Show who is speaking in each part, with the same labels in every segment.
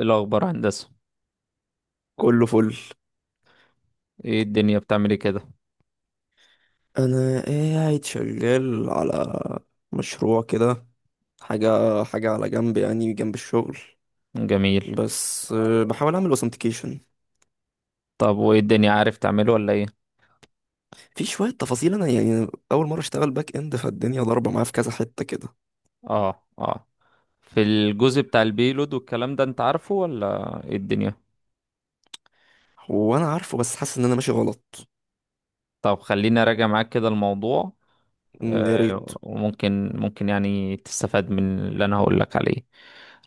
Speaker 1: إيه الأخبار، هندسة؟
Speaker 2: كله فل.
Speaker 1: ايه الدنيا بتعملي كده؟
Speaker 2: انا قاعد شغال على مشروع كده، حاجه حاجه على جنب، يعني جنب الشغل.
Speaker 1: جميل.
Speaker 2: بس بحاول اعمل اوثنتيكيشن.
Speaker 1: طب وايه الدنيا، عارف تعمله ولا ايه؟
Speaker 2: في شويه تفاصيل، انا يعني اول مره اشتغل باك اند، فالدنيا ضاربه معايا في كذا حته كده.
Speaker 1: اه اه. في الجزء بتاع البيلود والكلام ده، انت عارفه ولا ايه الدنيا؟
Speaker 2: هو انا عارفه بس حاسس ان انا ماشي غلط.
Speaker 1: طب خليني اراجع معاك كده الموضوع.
Speaker 2: يا ريت.
Speaker 1: آه، وممكن ممكن يعني تستفاد من اللي انا هقول لك عليه.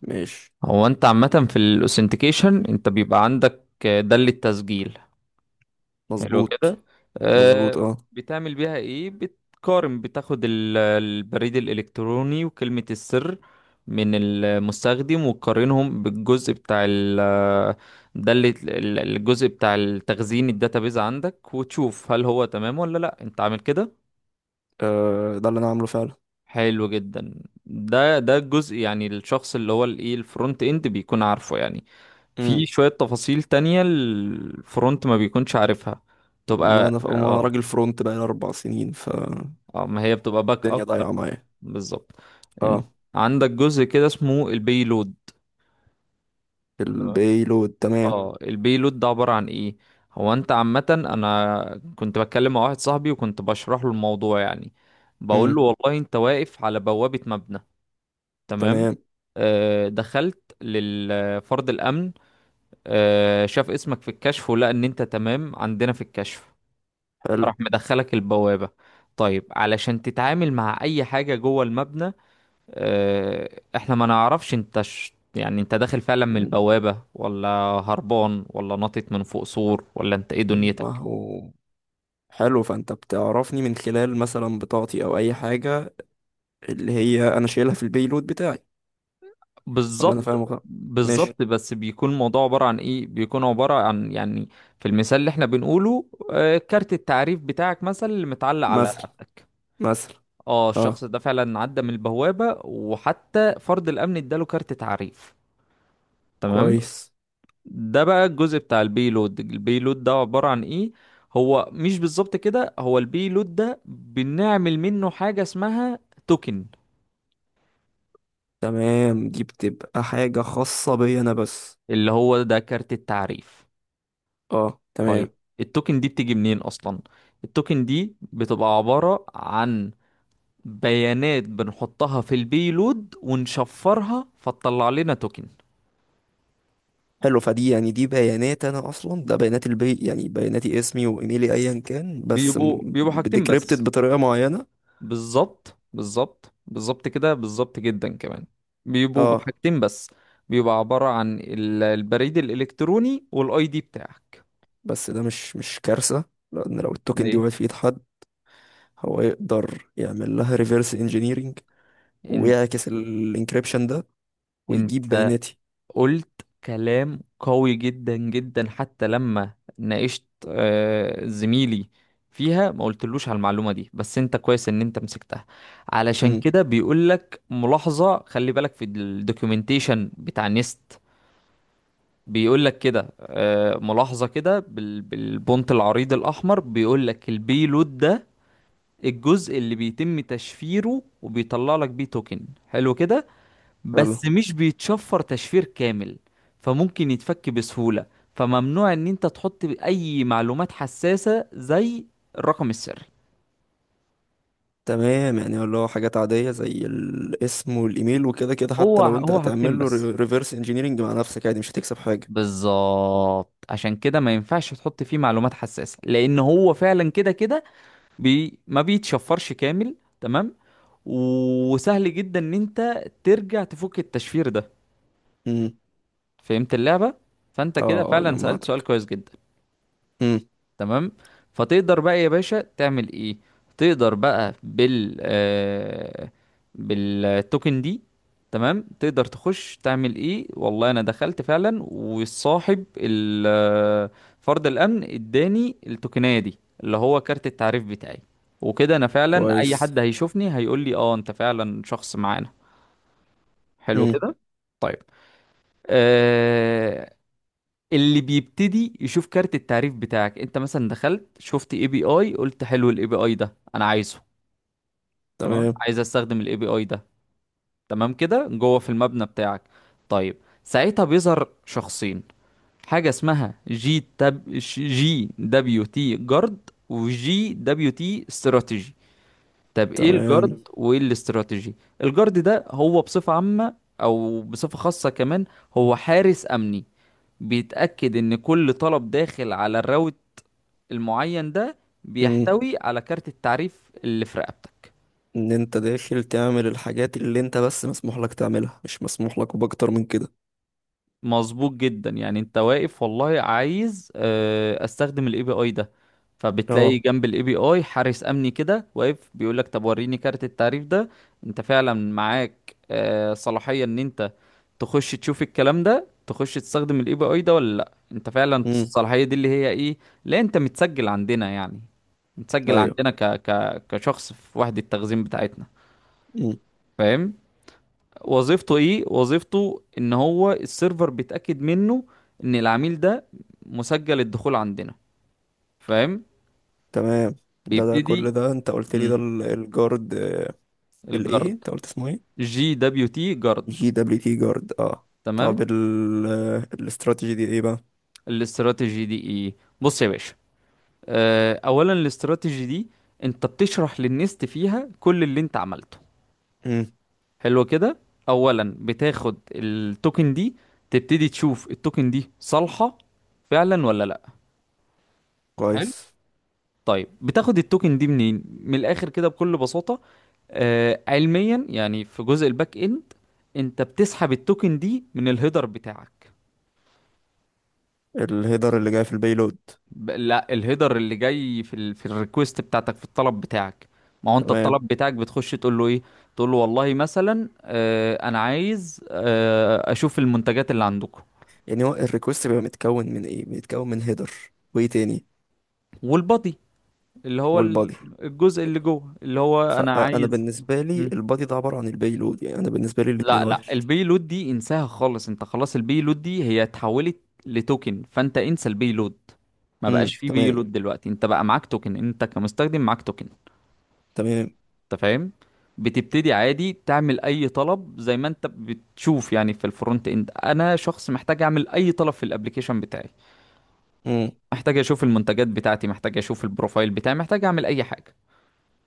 Speaker 2: ماشي.
Speaker 1: هو انت عامة في الاوثنتيكيشن انت بيبقى عندك ده للتسجيل. حلو كده.
Speaker 2: مظبوط. مظبوط
Speaker 1: آه.
Speaker 2: اه.
Speaker 1: بتعمل بيها ايه؟ بتقارن، بتاخد البريد الالكتروني وكلمة السر من المستخدم وتقارنهم بالجزء بتاع ده اللي الجزء بتاع التخزين الداتابيز عندك، وتشوف هل هو تمام ولا لا، انت عامل كده؟
Speaker 2: آه، ده اللي انا عامله فعلا.
Speaker 1: حلو جدا. ده الجزء، يعني الشخص اللي هو الايه الفرونت اند بيكون عارفه يعني. في
Speaker 2: امم.
Speaker 1: شوية تفاصيل تانية الفرونت ما بيكونش عارفها.
Speaker 2: ما
Speaker 1: تبقى
Speaker 2: انا ما انا
Speaker 1: اه.
Speaker 2: راجل فرونت بقى 4 سنين فالدنيا،
Speaker 1: اه، ما هي بتبقى باك اب.
Speaker 2: ضايعه معايا.
Speaker 1: بالظبط. إن-
Speaker 2: اه.
Speaker 1: عندك جزء كده اسمه البيلود. تمام.
Speaker 2: البيلود تمام.
Speaker 1: اه، البيلود ده عبارة عن ايه؟ هو انت عامة، انا كنت بتكلم مع واحد صاحبي وكنت بشرح له الموضوع يعني. بقول له
Speaker 2: امم.
Speaker 1: والله انت واقف على بوابة مبنى. تمام.
Speaker 2: تمام.
Speaker 1: دخلت للفرد الامن. شاف اسمك في الكشف ولقى ان انت تمام عندنا في الكشف.
Speaker 2: حلو.
Speaker 1: راح مدخلك البوابة. طيب علشان تتعامل مع اي حاجة جوه المبنى، آه، احنا ما نعرفش انت يعني انت داخل فعلا من
Speaker 2: مم.
Speaker 1: البوابة، ولا هربان، ولا ناطط من فوق سور، ولا انت ايه
Speaker 2: ما
Speaker 1: دنيتك؟
Speaker 2: هو، حلو، فانت بتعرفني من خلال مثلا بطاقتي او اي حاجه، اللي هي انا شايلها في البيلود بتاعي. ولا انا
Speaker 1: بالظبط
Speaker 2: فاهم غلط؟ ماشي.
Speaker 1: بالظبط. بس بيكون الموضوع عبارة عن ايه؟ بيكون عبارة عن يعني، في المثال اللي احنا بنقوله، كارت التعريف بتاعك مثلا اللي متعلق على
Speaker 2: مثلا.
Speaker 1: رقبتك.
Speaker 2: مثلا.
Speaker 1: اه، الشخص
Speaker 2: اه.
Speaker 1: ده فعلا عدى من البوابة، وحتى فرد الامن اداله كارت تعريف. تمام.
Speaker 2: كويس.
Speaker 1: ده بقى الجزء بتاع البيلود. البيلود ده عبارة عن ايه؟ هو مش بالظبط كده، هو البيلود ده بنعمل منه حاجة اسمها توكن.
Speaker 2: تمام، دي بتبقى حاجه خاصه بيا انا بس.
Speaker 1: اللي هو ده كارت التعريف.
Speaker 2: اه
Speaker 1: طيب.
Speaker 2: تمام.
Speaker 1: التوكن دي بتيجي منين اصلا؟ التوكن دي بتبقى عبارة عن بيانات بنحطها في البيلود ونشفرها فتطلع لنا توكن.
Speaker 2: حلو، فدي يعني دي بيانات، انا اصلا ده بيانات البي، يعني بياناتي، اسمي وايميلي ايا كان، بس
Speaker 1: بيبقوا حاجتين
Speaker 2: بديكريبتد
Speaker 1: بس.
Speaker 2: بطريقه معينه.
Speaker 1: بالظبط بالظبط بالظبط كده، بالظبط جدا كمان. بيبقوا
Speaker 2: اه،
Speaker 1: بحاجتين بس. بيبقى عبارة عن البريد الإلكتروني والاي دي بتاعك.
Speaker 2: بس ده مش كارثة. لأن لو التوكن دي
Speaker 1: ليه؟
Speaker 2: وقعت في إيد حد، هو يقدر يعمل لها ريفرس انجينيرينج،
Speaker 1: انت
Speaker 2: ويعكس الانكريبشن ده، ويجيب
Speaker 1: انت
Speaker 2: بياناتي.
Speaker 1: قلت كلام قوي جدا جدا. حتى لما ناقشت زميلي فيها، ما قلتلوش على المعلومة دي، بس انت كويس ان انت مسكتها. علشان
Speaker 2: امم.
Speaker 1: كده بيقولك ملاحظة، خلي بالك في الدوكيومنتيشن بتاع نيست. بيقول لك كده ملاحظة كده بالبونت العريض الأحمر، بيقول لك البيلود ده الجزء اللي بيتم تشفيره وبيطلع لك بيه توكن، حلو كده.
Speaker 2: حلو
Speaker 1: بس مش بيتشفر تشفير كامل، فممكن يتفك بسهولة. فممنوع ان انت تحط اي معلومات حساسة زي الرقم السري.
Speaker 2: تمام، يعني اللي هو حاجات عادية زي الاسم والإيميل، وكده كده حتى
Speaker 1: هو
Speaker 2: لو أنت
Speaker 1: هو حاجتين
Speaker 2: هتعمل له
Speaker 1: بس.
Speaker 2: ريفرس انجينيرينج مع نفسك عادي، مش هتكسب حاجة.
Speaker 1: بالظبط، عشان كده ما ينفعش تحط فيه معلومات حساسة، لان هو فعلا كده كده ما بيتشفرش كامل. تمام. وسهل جدا ان انت ترجع تفك التشفير ده.
Speaker 2: امم.
Speaker 1: فهمت اللعبة. فانت
Speaker 2: اه،
Speaker 1: كده
Speaker 2: آه،
Speaker 1: فعلا سألت سؤال
Speaker 2: جمعتك.
Speaker 1: كويس جدا.
Speaker 2: امم.
Speaker 1: تمام. فتقدر بقى يا باشا تعمل ايه؟ تقدر بقى بالتوكن دي. تمام. تقدر تخش تعمل ايه؟ والله انا دخلت فعلا والصاحب فرد الامن اداني التوكنية دي اللي هو كارت التعريف بتاعي. وكده انا فعلا اي
Speaker 2: كويس.
Speaker 1: حد هيشوفني هيقول لي اه انت فعلا شخص معانا. حلو
Speaker 2: امم.
Speaker 1: كده. طيب. آه، اللي بيبتدي يشوف كارت التعريف بتاعك، انت مثلا دخلت شفت اي بي اي قلت حلو، الاي بي اي ده انا عايزه. تمام.
Speaker 2: تمام.
Speaker 1: عايز استخدم الاي بي اي ده. تمام كده، جوه في المبنى بتاعك. طيب. ساعتها بيظهر شخصين، حاجة اسمها جي دبليو تي جارد وجي دبليو تي استراتيجي. طب ايه
Speaker 2: تمام.
Speaker 1: الجارد وايه الاستراتيجي؟ الجارد ده هو بصفة عامة او بصفة خاصة كمان، هو حارس امني. بيتأكد إن كل طلب داخل على الراوت المعين ده
Speaker 2: امم.
Speaker 1: بيحتوي على كارت التعريف اللي في رقبتك.
Speaker 2: ان انت داخل تعمل الحاجات اللي انت بس مسموح لك تعملها، مش مسموح لك باكتر من كده.
Speaker 1: مظبوط جدا. يعني انت واقف، والله عايز استخدم الاي بي اي ده، فبتلاقي
Speaker 2: اه.
Speaker 1: جنب الاي بي اي حارس امني كده واقف بيقول لك طب وريني كارت التعريف ده. انت فعلا معاك صلاحية ان انت تخش تشوف الكلام ده، تخش تستخدم الاي بي اي ده ولا لا؟ انت فعلا
Speaker 2: امم.
Speaker 1: الصلاحية دي اللي هي ايه؟ لا، انت متسجل عندنا يعني، متسجل
Speaker 2: ايوه.
Speaker 1: عندنا ك كشخص في وحدة التخزين بتاعتنا.
Speaker 2: امم.
Speaker 1: فاهم. وظيفته ايه؟ وظيفته ان هو السيرفر بيتاكد منه ان العميل ده مسجل الدخول عندنا. فاهم.
Speaker 2: تمام. ده
Speaker 1: بيبتدي.
Speaker 2: كل ده انت قلت لي، ده
Speaker 1: مم.
Speaker 2: الجارد. الايه
Speaker 1: الجرد.
Speaker 2: انت قلت اسمه ايه؟
Speaker 1: جي دبليو تي جرد.
Speaker 2: جي دبليو تي جارد، اه. طب
Speaker 1: تمام.
Speaker 2: ال آه، الاستراتيجي دي ايه بقى؟
Speaker 1: الاستراتيجي دي ايه؟ بص يا باشا، اولا الاستراتيجي دي انت بتشرح للنست فيها كل اللي انت عملته.
Speaker 2: امم.
Speaker 1: حلو كده. اولا بتاخد التوكن دي، تبتدي تشوف التوكن دي صالحة فعلا ولا لا.
Speaker 2: كويس.
Speaker 1: طيب. بتاخد التوكن دي منين؟ من الاخر كده بكل بساطة، علميا يعني، في جزء الباك اند انت بتسحب التوكن دي من الهيدر بتاعك.
Speaker 2: الهيدر اللي جاي في البيلود.
Speaker 1: لا، الهيدر اللي جاي في في الريكوست بتاعتك، في الطلب بتاعك. ما هو انت
Speaker 2: تمام،
Speaker 1: الطلب بتاعك بتخش تقول له ايه؟ تقول له والله مثلا انا عايز اشوف المنتجات اللي عندكم.
Speaker 2: يعني هو الريكوست بيبقى متكون من ايه؟ بيتكون من هيدر. وايه تاني؟
Speaker 1: والبادي، اللي هو
Speaker 2: والبادي.
Speaker 1: الجزء اللي جوه اللي هو انا
Speaker 2: فانا
Speaker 1: عايز.
Speaker 2: بالنسبه لي البادي ده عباره عن البيلود، يعني انا بالنسبه لي الاتنين
Speaker 1: لا لا،
Speaker 2: واحد.
Speaker 1: البي لود دي انساها خالص. انت خلاص البي لود دي هي اتحولت لتوكن، فانت انسى البي لود. ما بقاش في بي
Speaker 2: تمام.
Speaker 1: لود دلوقتي. انت بقى معاك توكن، انت كمستخدم معاك توكن.
Speaker 2: تمام.
Speaker 1: انت فاهم. بتبتدي عادي تعمل اي طلب زي ما انت بتشوف يعني. في الفرونت اند انا شخص محتاج اعمل اي طلب في الابليكيشن بتاعي.
Speaker 2: امم
Speaker 1: محتاج اشوف المنتجات بتاعتي، محتاج اشوف البروفايل بتاعي، محتاج اعمل اي حاجة.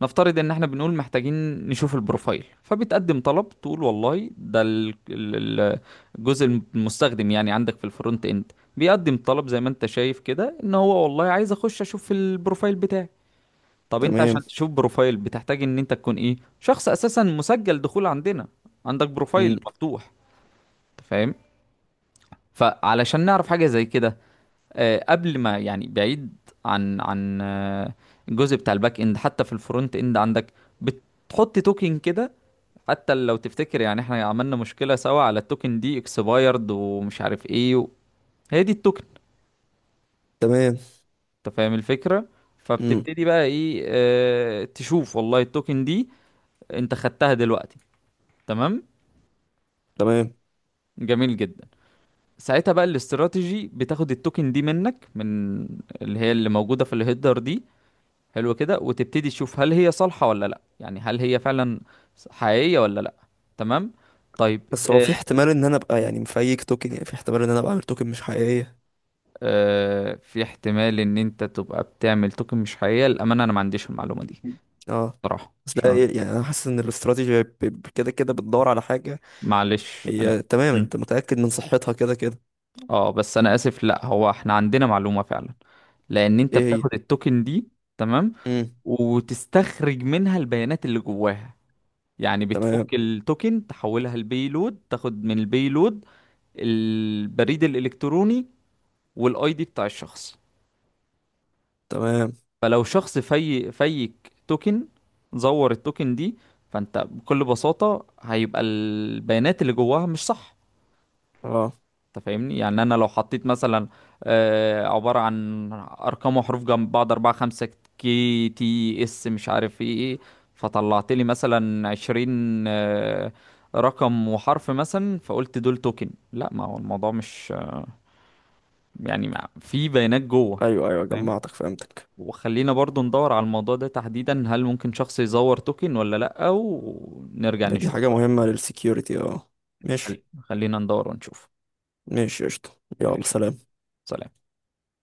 Speaker 1: نفترض ان احنا بنقول محتاجين نشوف البروفايل، فبتقدم طلب تقول والله ده الجزء المستخدم يعني عندك في الفرونت اند بيقدم طلب، زي ما انت شايف كده، ان هو والله عايز اخش اشوف البروفايل بتاعي. طب انت
Speaker 2: تمام.
Speaker 1: عشان تشوف بروفايل بتحتاج ان انت تكون ايه؟ شخص اساسا مسجل دخول عندنا، عندك بروفايل
Speaker 2: امم
Speaker 1: مفتوح. انت فاهم. فعلشان نعرف حاجة زي كده قبل ما يعني بعيد عن الجزء بتاع الباك اند، حتى في الفرونت اند عندك بتحط توكن كده. حتى لو تفتكر يعني احنا عملنا مشكلة سوا على التوكن دي اكسبايرد ومش عارف ايه هي دي التوكن.
Speaker 2: تمام.
Speaker 1: انت فاهم الفكرة.
Speaker 2: امم
Speaker 1: فبتبتدي بقى ايه؟ اه تشوف والله التوكن دي انت خدتها دلوقتي. تمام.
Speaker 2: تمام.
Speaker 1: جميل جدا. ساعتها بقى الاستراتيجي بتاخد التوكن دي منك من اللي هي اللي موجودة في الهيدر دي، حلو كده. وتبتدي تشوف هل هي صالحة ولا لا، يعني هل هي فعلا حقيقية ولا لا. تمام. طيب.
Speaker 2: بس هو
Speaker 1: آه.
Speaker 2: في احتمال ان انا ابقى يعني مفيك توكن، يعني في احتمال ان انا ابقى عامل توكن مش حقيقيه؟
Speaker 1: في احتمال ان انت تبقى بتعمل توكن مش حقيقية، للأمانة انا ما عنديش المعلومة دي
Speaker 2: اه،
Speaker 1: صراحة،
Speaker 2: بس
Speaker 1: عشان
Speaker 2: لا إيه، يعني انا حاسس ان الاستراتيجي كده كده بتدور على حاجه.
Speaker 1: معلش انا.
Speaker 2: هي تمام،
Speaker 1: مم.
Speaker 2: انت متاكد من صحتها كده كده.
Speaker 1: اه بس انا اسف، لا هو احنا عندنا معلومة فعلا، لان انت
Speaker 2: ايه هي؟
Speaker 1: بتاخد التوكن دي، تمام،
Speaker 2: امم
Speaker 1: وتستخرج منها البيانات اللي جواها. يعني
Speaker 2: تمام.
Speaker 1: بتفك التوكن تحولها لبيلود، تاخد من البيلود البريد الالكتروني والاي دي بتاع الشخص.
Speaker 2: تمام.
Speaker 1: فلو شخص في فيك توكن، زور التوكن دي، فانت بكل بساطة هيبقى البيانات اللي جواها مش صح.
Speaker 2: اه،
Speaker 1: انت فاهمني؟ يعني انا لو حطيت مثلا عبارة عن ارقام وحروف جنب بعض اربعة خمسة KTS مش عارف ايه ايه، فطلعت لي مثلا 20 رقم وحرف، مثلا فقلت دول توكن، لا ما هو الموضوع مش يعني في بيانات جوه.
Speaker 2: ايوه ايوه،
Speaker 1: فاهم.
Speaker 2: جمعتك، فهمتك.
Speaker 1: وخلينا برضو ندور على الموضوع ده تحديدا، هل ممكن شخص يزور توكن ولا لأ، ونرجع
Speaker 2: يعني دي حاجه
Speaker 1: نشوفه يعني.
Speaker 2: مهمه للسكيورتي، اه. ماشي.
Speaker 1: خلينا ندور ونشوف.
Speaker 2: ماشي قشطه. يلا
Speaker 1: ماشي.
Speaker 2: سلام.
Speaker 1: سلام.